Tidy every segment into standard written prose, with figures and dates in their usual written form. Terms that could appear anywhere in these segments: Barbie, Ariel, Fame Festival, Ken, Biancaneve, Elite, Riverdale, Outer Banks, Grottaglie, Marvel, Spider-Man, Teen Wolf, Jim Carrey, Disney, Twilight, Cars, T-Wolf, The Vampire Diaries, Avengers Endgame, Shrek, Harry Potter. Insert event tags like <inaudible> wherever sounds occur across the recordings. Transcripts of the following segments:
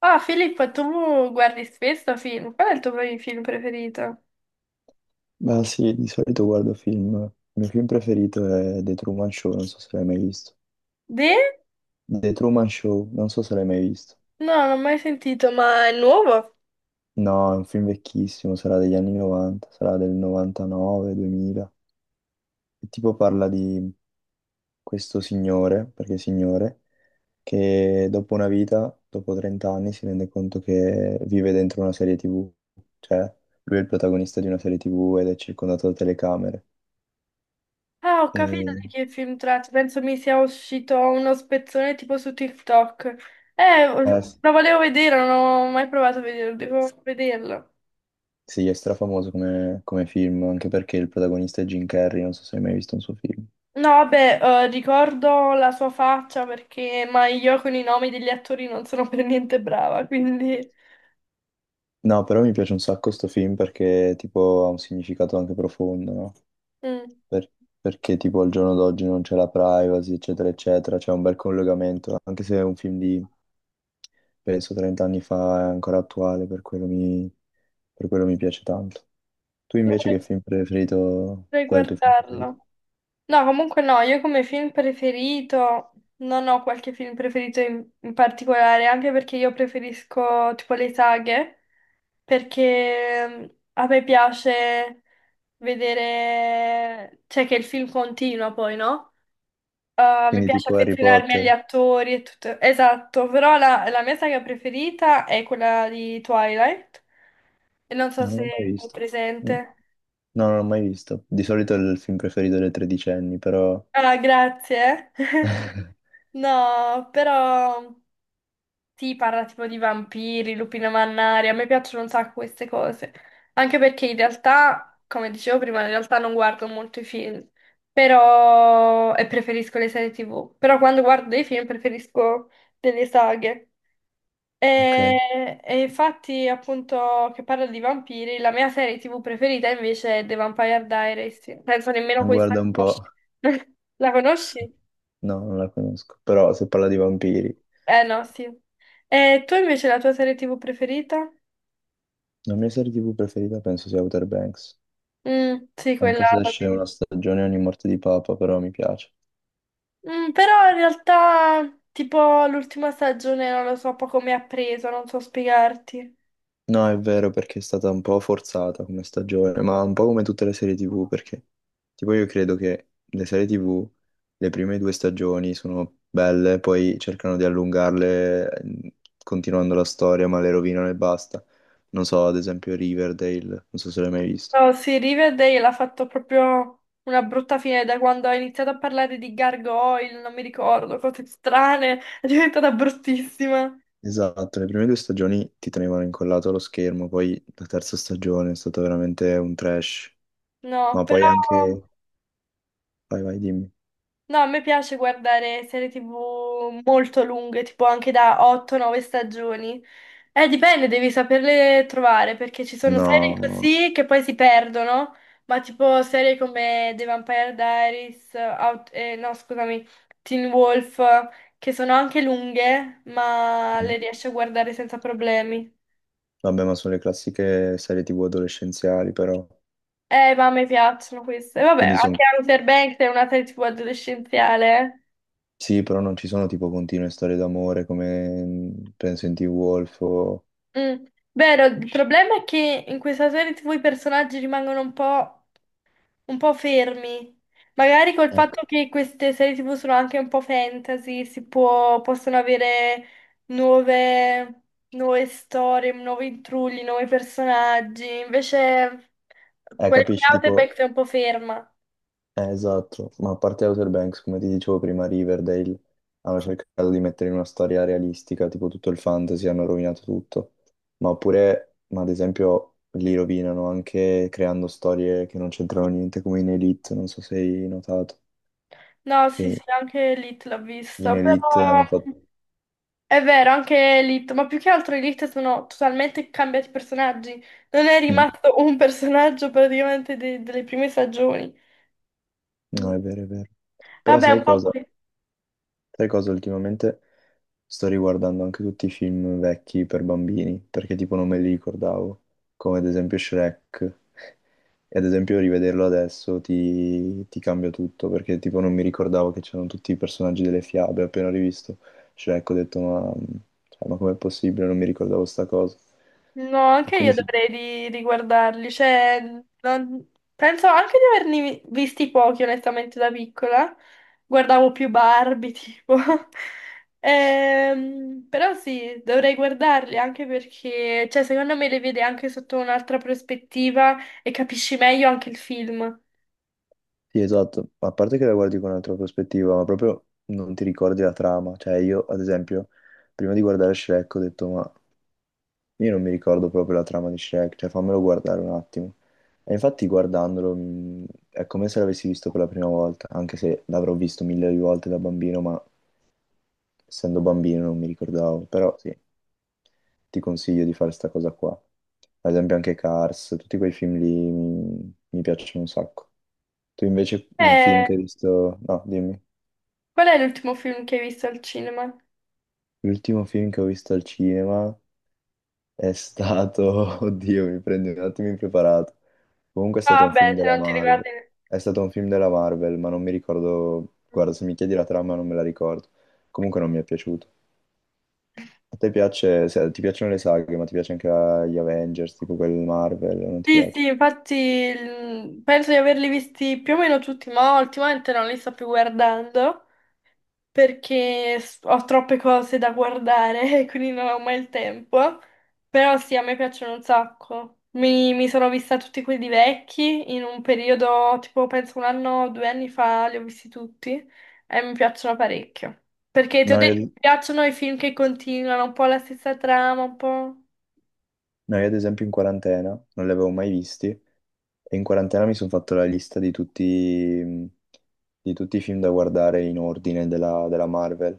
Ah, Filippo, tu guardi spesso film? Qual è il tuo film preferito? Ma sì, di solito guardo film. Il mio film preferito è The Truman Show, non so se l'hai mai visto. De? The Truman Show, non so se l'hai mai visto. No, non ho mai sentito, ma è nuovo? No, è un film vecchissimo, sarà degli anni 90, sarà del 99, 2000. E tipo parla di questo signore, perché è signore, che dopo una vita, dopo 30 anni, si rende conto che vive dentro una serie TV. Cioè, lui è il protagonista di una serie TV ed è circondato da telecamere. Ah, ho capito E... di che film tratti. Penso mi sia uscito uno spezzone tipo su TikTok. Eh, eh, sì. lo volevo vedere, non ho mai provato a vederlo, devo vederlo. Sì, è strafamoso come film, anche perché il protagonista è Jim Carrey, non so se hai mai visto un suo film. No, vabbè, ricordo la sua faccia perché, ma io con i nomi degli attori non sono per niente brava, quindi No, però mi piace un sacco sto film perché tipo ha un significato anche profondo, no? mm. Per- Perché tipo al giorno d'oggi non c'è la privacy, eccetera, eccetera, c'è un bel collegamento, anche se è un film di, penso, 30 anni fa, è ancora attuale, per quello mi piace tanto. Tu invece dovrei che film preferito, dovrei qual è il tuo film preferito? guardarlo. No, comunque no, io come film preferito non ho qualche film preferito in particolare, anche perché io preferisco tipo le saghe, perché a me piace vedere, cioè che il film continua poi, no? Mi Quindi piace tipo Harry affezionarmi agli Potter? attori e tutto. Esatto, però la mia saga preferita è quella di Twilight, e non so No, non se l'ho mai è visto. Mm. presente. No, non l'ho mai visto. Di solito è il film preferito delle tredicenni, però. Ah, grazie. <laughs> <laughs> No, però... Sì, parla tipo di vampiri, lupine mannari, a me piacciono un sacco queste cose. Anche perché in realtà, come dicevo prima, in realtà non guardo molto i film, però... e preferisco le serie TV. Però quando guardo dei film preferisco delle saghe. Ok, E, e infatti, appunto, che parla di vampiri, la mia serie TV preferita invece è The Vampire Diaries. Penso nemmeno questa la guarda un po'. conosci. <laughs> La conosci? No, non la conosco. Però se parla di vampiri. Eh no, sì. E tu invece la tua serie TV preferita? La mia serie TV preferita penso sia Outer Banks. Mm, sì, quella Anche se l'ho esce una vista. stagione ogni morte di Papa, però mi piace. Mm, però in realtà, tipo, l'ultima stagione non lo so poco mi ha preso, non so spiegarti. No, è vero perché è stata un po' forzata come stagione, ma un po' come tutte le serie TV, perché tipo io credo che le serie TV, le prime due stagioni sono belle, poi cercano di allungarle continuando la storia, ma le rovinano e basta. Non so, ad esempio Riverdale, non so se l'hai mai visto. No, sì, Riverdale ha fatto proprio una brutta fine da quando ha iniziato a parlare di gargoyle, non mi ricordo, cose strane, <laughs> è diventata bruttissima. Esatto, le prime due stagioni ti tenevano incollato allo schermo, poi la terza stagione è stata veramente un trash, No, ma poi però anche. Vai, vai, dimmi. no, a me piace guardare serie TV molto lunghe, tipo anche da 8-9 stagioni. Dipende, devi saperle trovare, perché ci sono serie No. così che poi si perdono, ma tipo serie come The Vampire Diaries, Out- no, scusami, Teen Wolf, che sono anche lunghe, ma le riesci a guardare senza problemi. Vabbè, ma sono le classiche serie TV adolescenziali, però. Ma a me piacciono queste. E vabbè, Quindi sono. anche Outer Banks è una serie TV adolescenziale, eh. Sì, però non ci sono tipo continue storie d'amore come penso in T-Wolf o. Mm. Vero, il problema è che in questa serie TV i personaggi rimangono un po' fermi. Magari col Ecco. fatto che queste serie TV sono anche un po' fantasy, possono avere nuove, nuove storie, nuovi intrulli, nuovi personaggi. Invece quelle come Capisci, tipo. Outback è un po' ferma. Esatto. Ma a parte Outer Banks, come ti dicevo prima, Riverdale hanno cercato di mettere in una storia realistica, tipo tutto il fantasy, hanno rovinato tutto. Ma ad esempio, li rovinano anche creando storie che non c'entrano niente, come in Elite, non so se hai notato, No, sì, che sì, anche Elite l'ho in vista, però... Elite hanno fatto. È vero, anche Elite, ma più che altro Elite sono totalmente cambiati personaggi. Non è Mm. rimasto un <laughs> personaggio praticamente delle prime stagioni. Mm. No, è vero, è vero. Però Vabbè, sai un po' cosa? qui. Sai cosa ultimamente? Sto riguardando anche tutti i film vecchi per bambini, perché tipo non me li ricordavo, come ad esempio Shrek. E ad esempio rivederlo adesso ti cambia tutto, perché tipo non mi ricordavo che c'erano tutti i personaggi delle fiabe. Appena rivisto Shrek ho detto cioè, ma com'è possibile? Non mi ricordavo sta cosa. No, E anche io quindi sì. Riguardarli, cioè, penso anche di visti pochi, onestamente, da piccola. Guardavo più Barbie, tipo. <laughs> Però sì, dovrei guardarli anche perché, cioè, secondo me le vede anche sotto un'altra prospettiva e capisci meglio anche il film. Sì, esatto, ma a parte che la guardi con un'altra prospettiva, ma proprio non ti ricordi la trama. Cioè, io, ad esempio, prima di guardare Shrek ho detto, ma io non mi ricordo proprio la trama di Shrek, cioè fammelo guardare un attimo. E infatti guardandolo è come se l'avessi visto per la prima volta, anche se l'avrò visto mille volte da bambino, ma essendo bambino non mi ricordavo. Però sì, ti consiglio di fare sta cosa qua. Ad esempio anche Cars, tutti quei film lì mi piacciono un sacco. Tu invece un film Eh, che hai visto. No, dimmi. qual è l'ultimo film che hai visto al cinema? L'ultimo film che ho visto al cinema è stato. <laughs> Oddio, mi prendi un attimo impreparato. Comunque è stato Ah, un film beh, se della non ti Marvel. ricordi... È stato un film della Marvel, ma non mi ricordo. Guarda, se mi chiedi la trama non me la ricordo. Comunque non mi è piaciuto. A te piace. Ti piacciono le saghe, ma ti piace anche gli Avengers, tipo quelli Marvel, o non ti Sì, piace? sì, infatti penso di averli visti più o meno tutti, ma ultimamente non li sto più guardando perché ho troppe cose da guardare <laughs> e quindi non ho mai il tempo. Però sì, a me piacciono un sacco. Mi sono vista tutti quelli vecchi in un periodo, tipo penso un anno o due anni fa, li ho visti tutti e mi piacciono parecchio. Perché ti ho No, detto, io, mi piacciono i film che continuano un po' la stessa trama, un po'. no, io, ad esempio in quarantena non li avevo mai visti. E in quarantena mi sono fatto la lista di tutti, mm, di tutti i film da guardare in ordine della Marvel.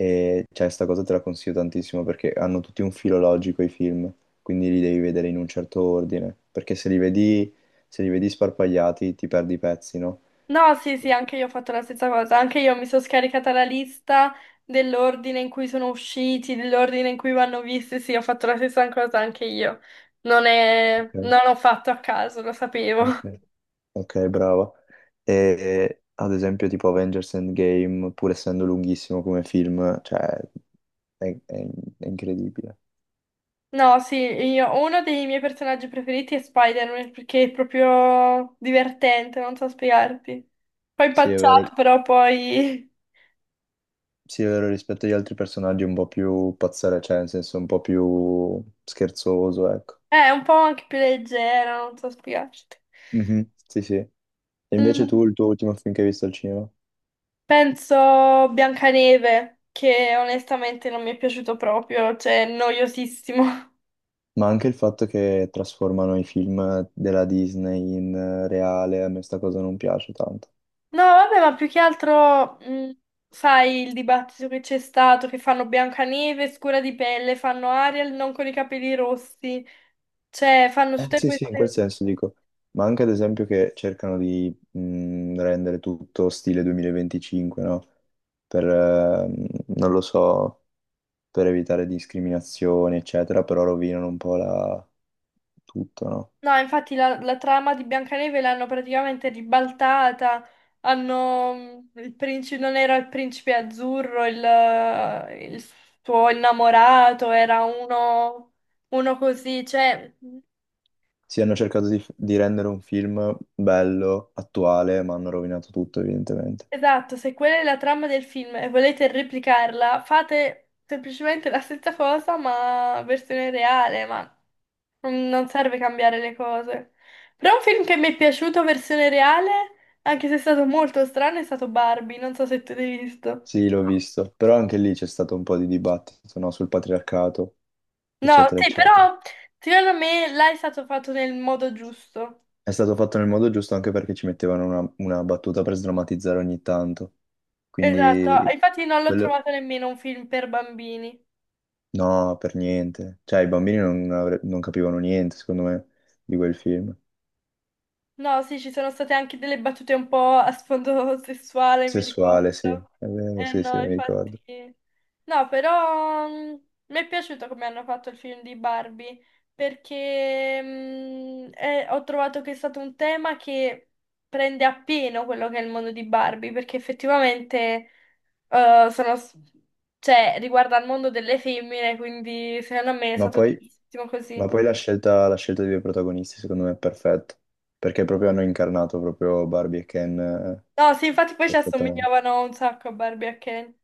E cioè, sta cosa te la consiglio tantissimo perché hanno tutti un filo logico i film, quindi li devi vedere in un certo ordine. Perché se li vedi sparpagliati ti perdi i pezzi, no? No, sì, sì, anche io ho fatto la stessa cosa. Anche io mi sono scaricata la lista dell'ordine in cui sono usciti, dell'ordine in cui vanno visti. Sì, ho fatto la stessa cosa anche io. Non è... Ok, non l'ho fatto a caso, lo sapevo. <laughs> ok. Ok, brava. E ad esempio tipo Avengers Endgame, pur essendo lunghissimo come film, cioè è, è- è incredibile. No, sì, io... uno dei miei personaggi preferiti è Spider-Man perché è proprio divertente, non so spiegarti. Poi Sì, è vero. impacciato, però poi Sì, è vero, rispetto agli altri personaggi un po' più pazzare, cioè nel senso un po' più scherzoso, ecco. <laughs> è un po' anche più leggero, non so spiegarti. Mhm, sì, sì. E invece Mm. tu, il tuo ultimo film che hai visto al cinema? Penso Biancaneve, che onestamente non mi è piaciuto proprio, cioè noiosissimo. <laughs> Ma anche il fatto che trasformano i film della Disney in reale, a me sta cosa non piace tanto. No, vabbè, ma più che altro, sai, il dibattito che c'è stato, che fanno Biancaneve scura di pelle, fanno Ariel non con i capelli rossi, cioè fanno tutte Sì, sì, in quel queste... senso dico. Ma anche ad esempio che cercano di rendere tutto stile 2025, no? Per, ehm, non lo so per evitare discriminazioni, eccetera, però rovinano un po' tutto, no? No, infatti la trama di Biancaneve l'hanno praticamente ribaltata, hanno, il principe, non era il principe azzurro, il suo innamorato, era uno, uno così, cioè, mm, Sì, hanno cercato di rendere un film bello, attuale, ma hanno rovinato tutto, evidentemente. esatto, se quella è la trama del film e volete replicarla, fate semplicemente la stessa cosa ma versione reale, ma non serve cambiare le cose. Però un film che mi è piaciuto, versione reale, anche se è stato molto strano, è stato Barbie. Non so se tu l'hai visto. Sì, l'ho visto, però anche lì c'è stato un po' di dibattito, no? Sul patriarcato, No, eccetera, sì, eccetera. però secondo me là è stato fatto nel modo giusto. È stato fatto nel modo giusto anche perché ci mettevano una battuta per sdrammatizzare ogni tanto. Esatto, Quindi, infatti non l'ho quello. trovato nemmeno un film per bambini. No, per niente. Cioè, i bambini non capivano niente, secondo me, di quel film. No, sì, ci sono state anche delle battute un po' a sfondo <laughs> sessuale, mi Sessuale, sì, ricordo. è vero, Eh sì, sì, no, mi ricordo. infatti. No, però mi è piaciuto come hanno fatto il film di Barbie, perché ho trovato che è stato un tema che prende appieno quello che è il mondo di Barbie, perché effettivamente eh, sono, s- cioè, riguarda il mondo delle femmine, quindi secondo me è Ma stato poi, giustissimo ma così. poi la scelta dei due protagonisti secondo me è perfetta, perché proprio hanno incarnato proprio Barbie e Ken No, sì, infatti poi ci perfettamente. assomigliavano un sacco a Barbie e a Ken.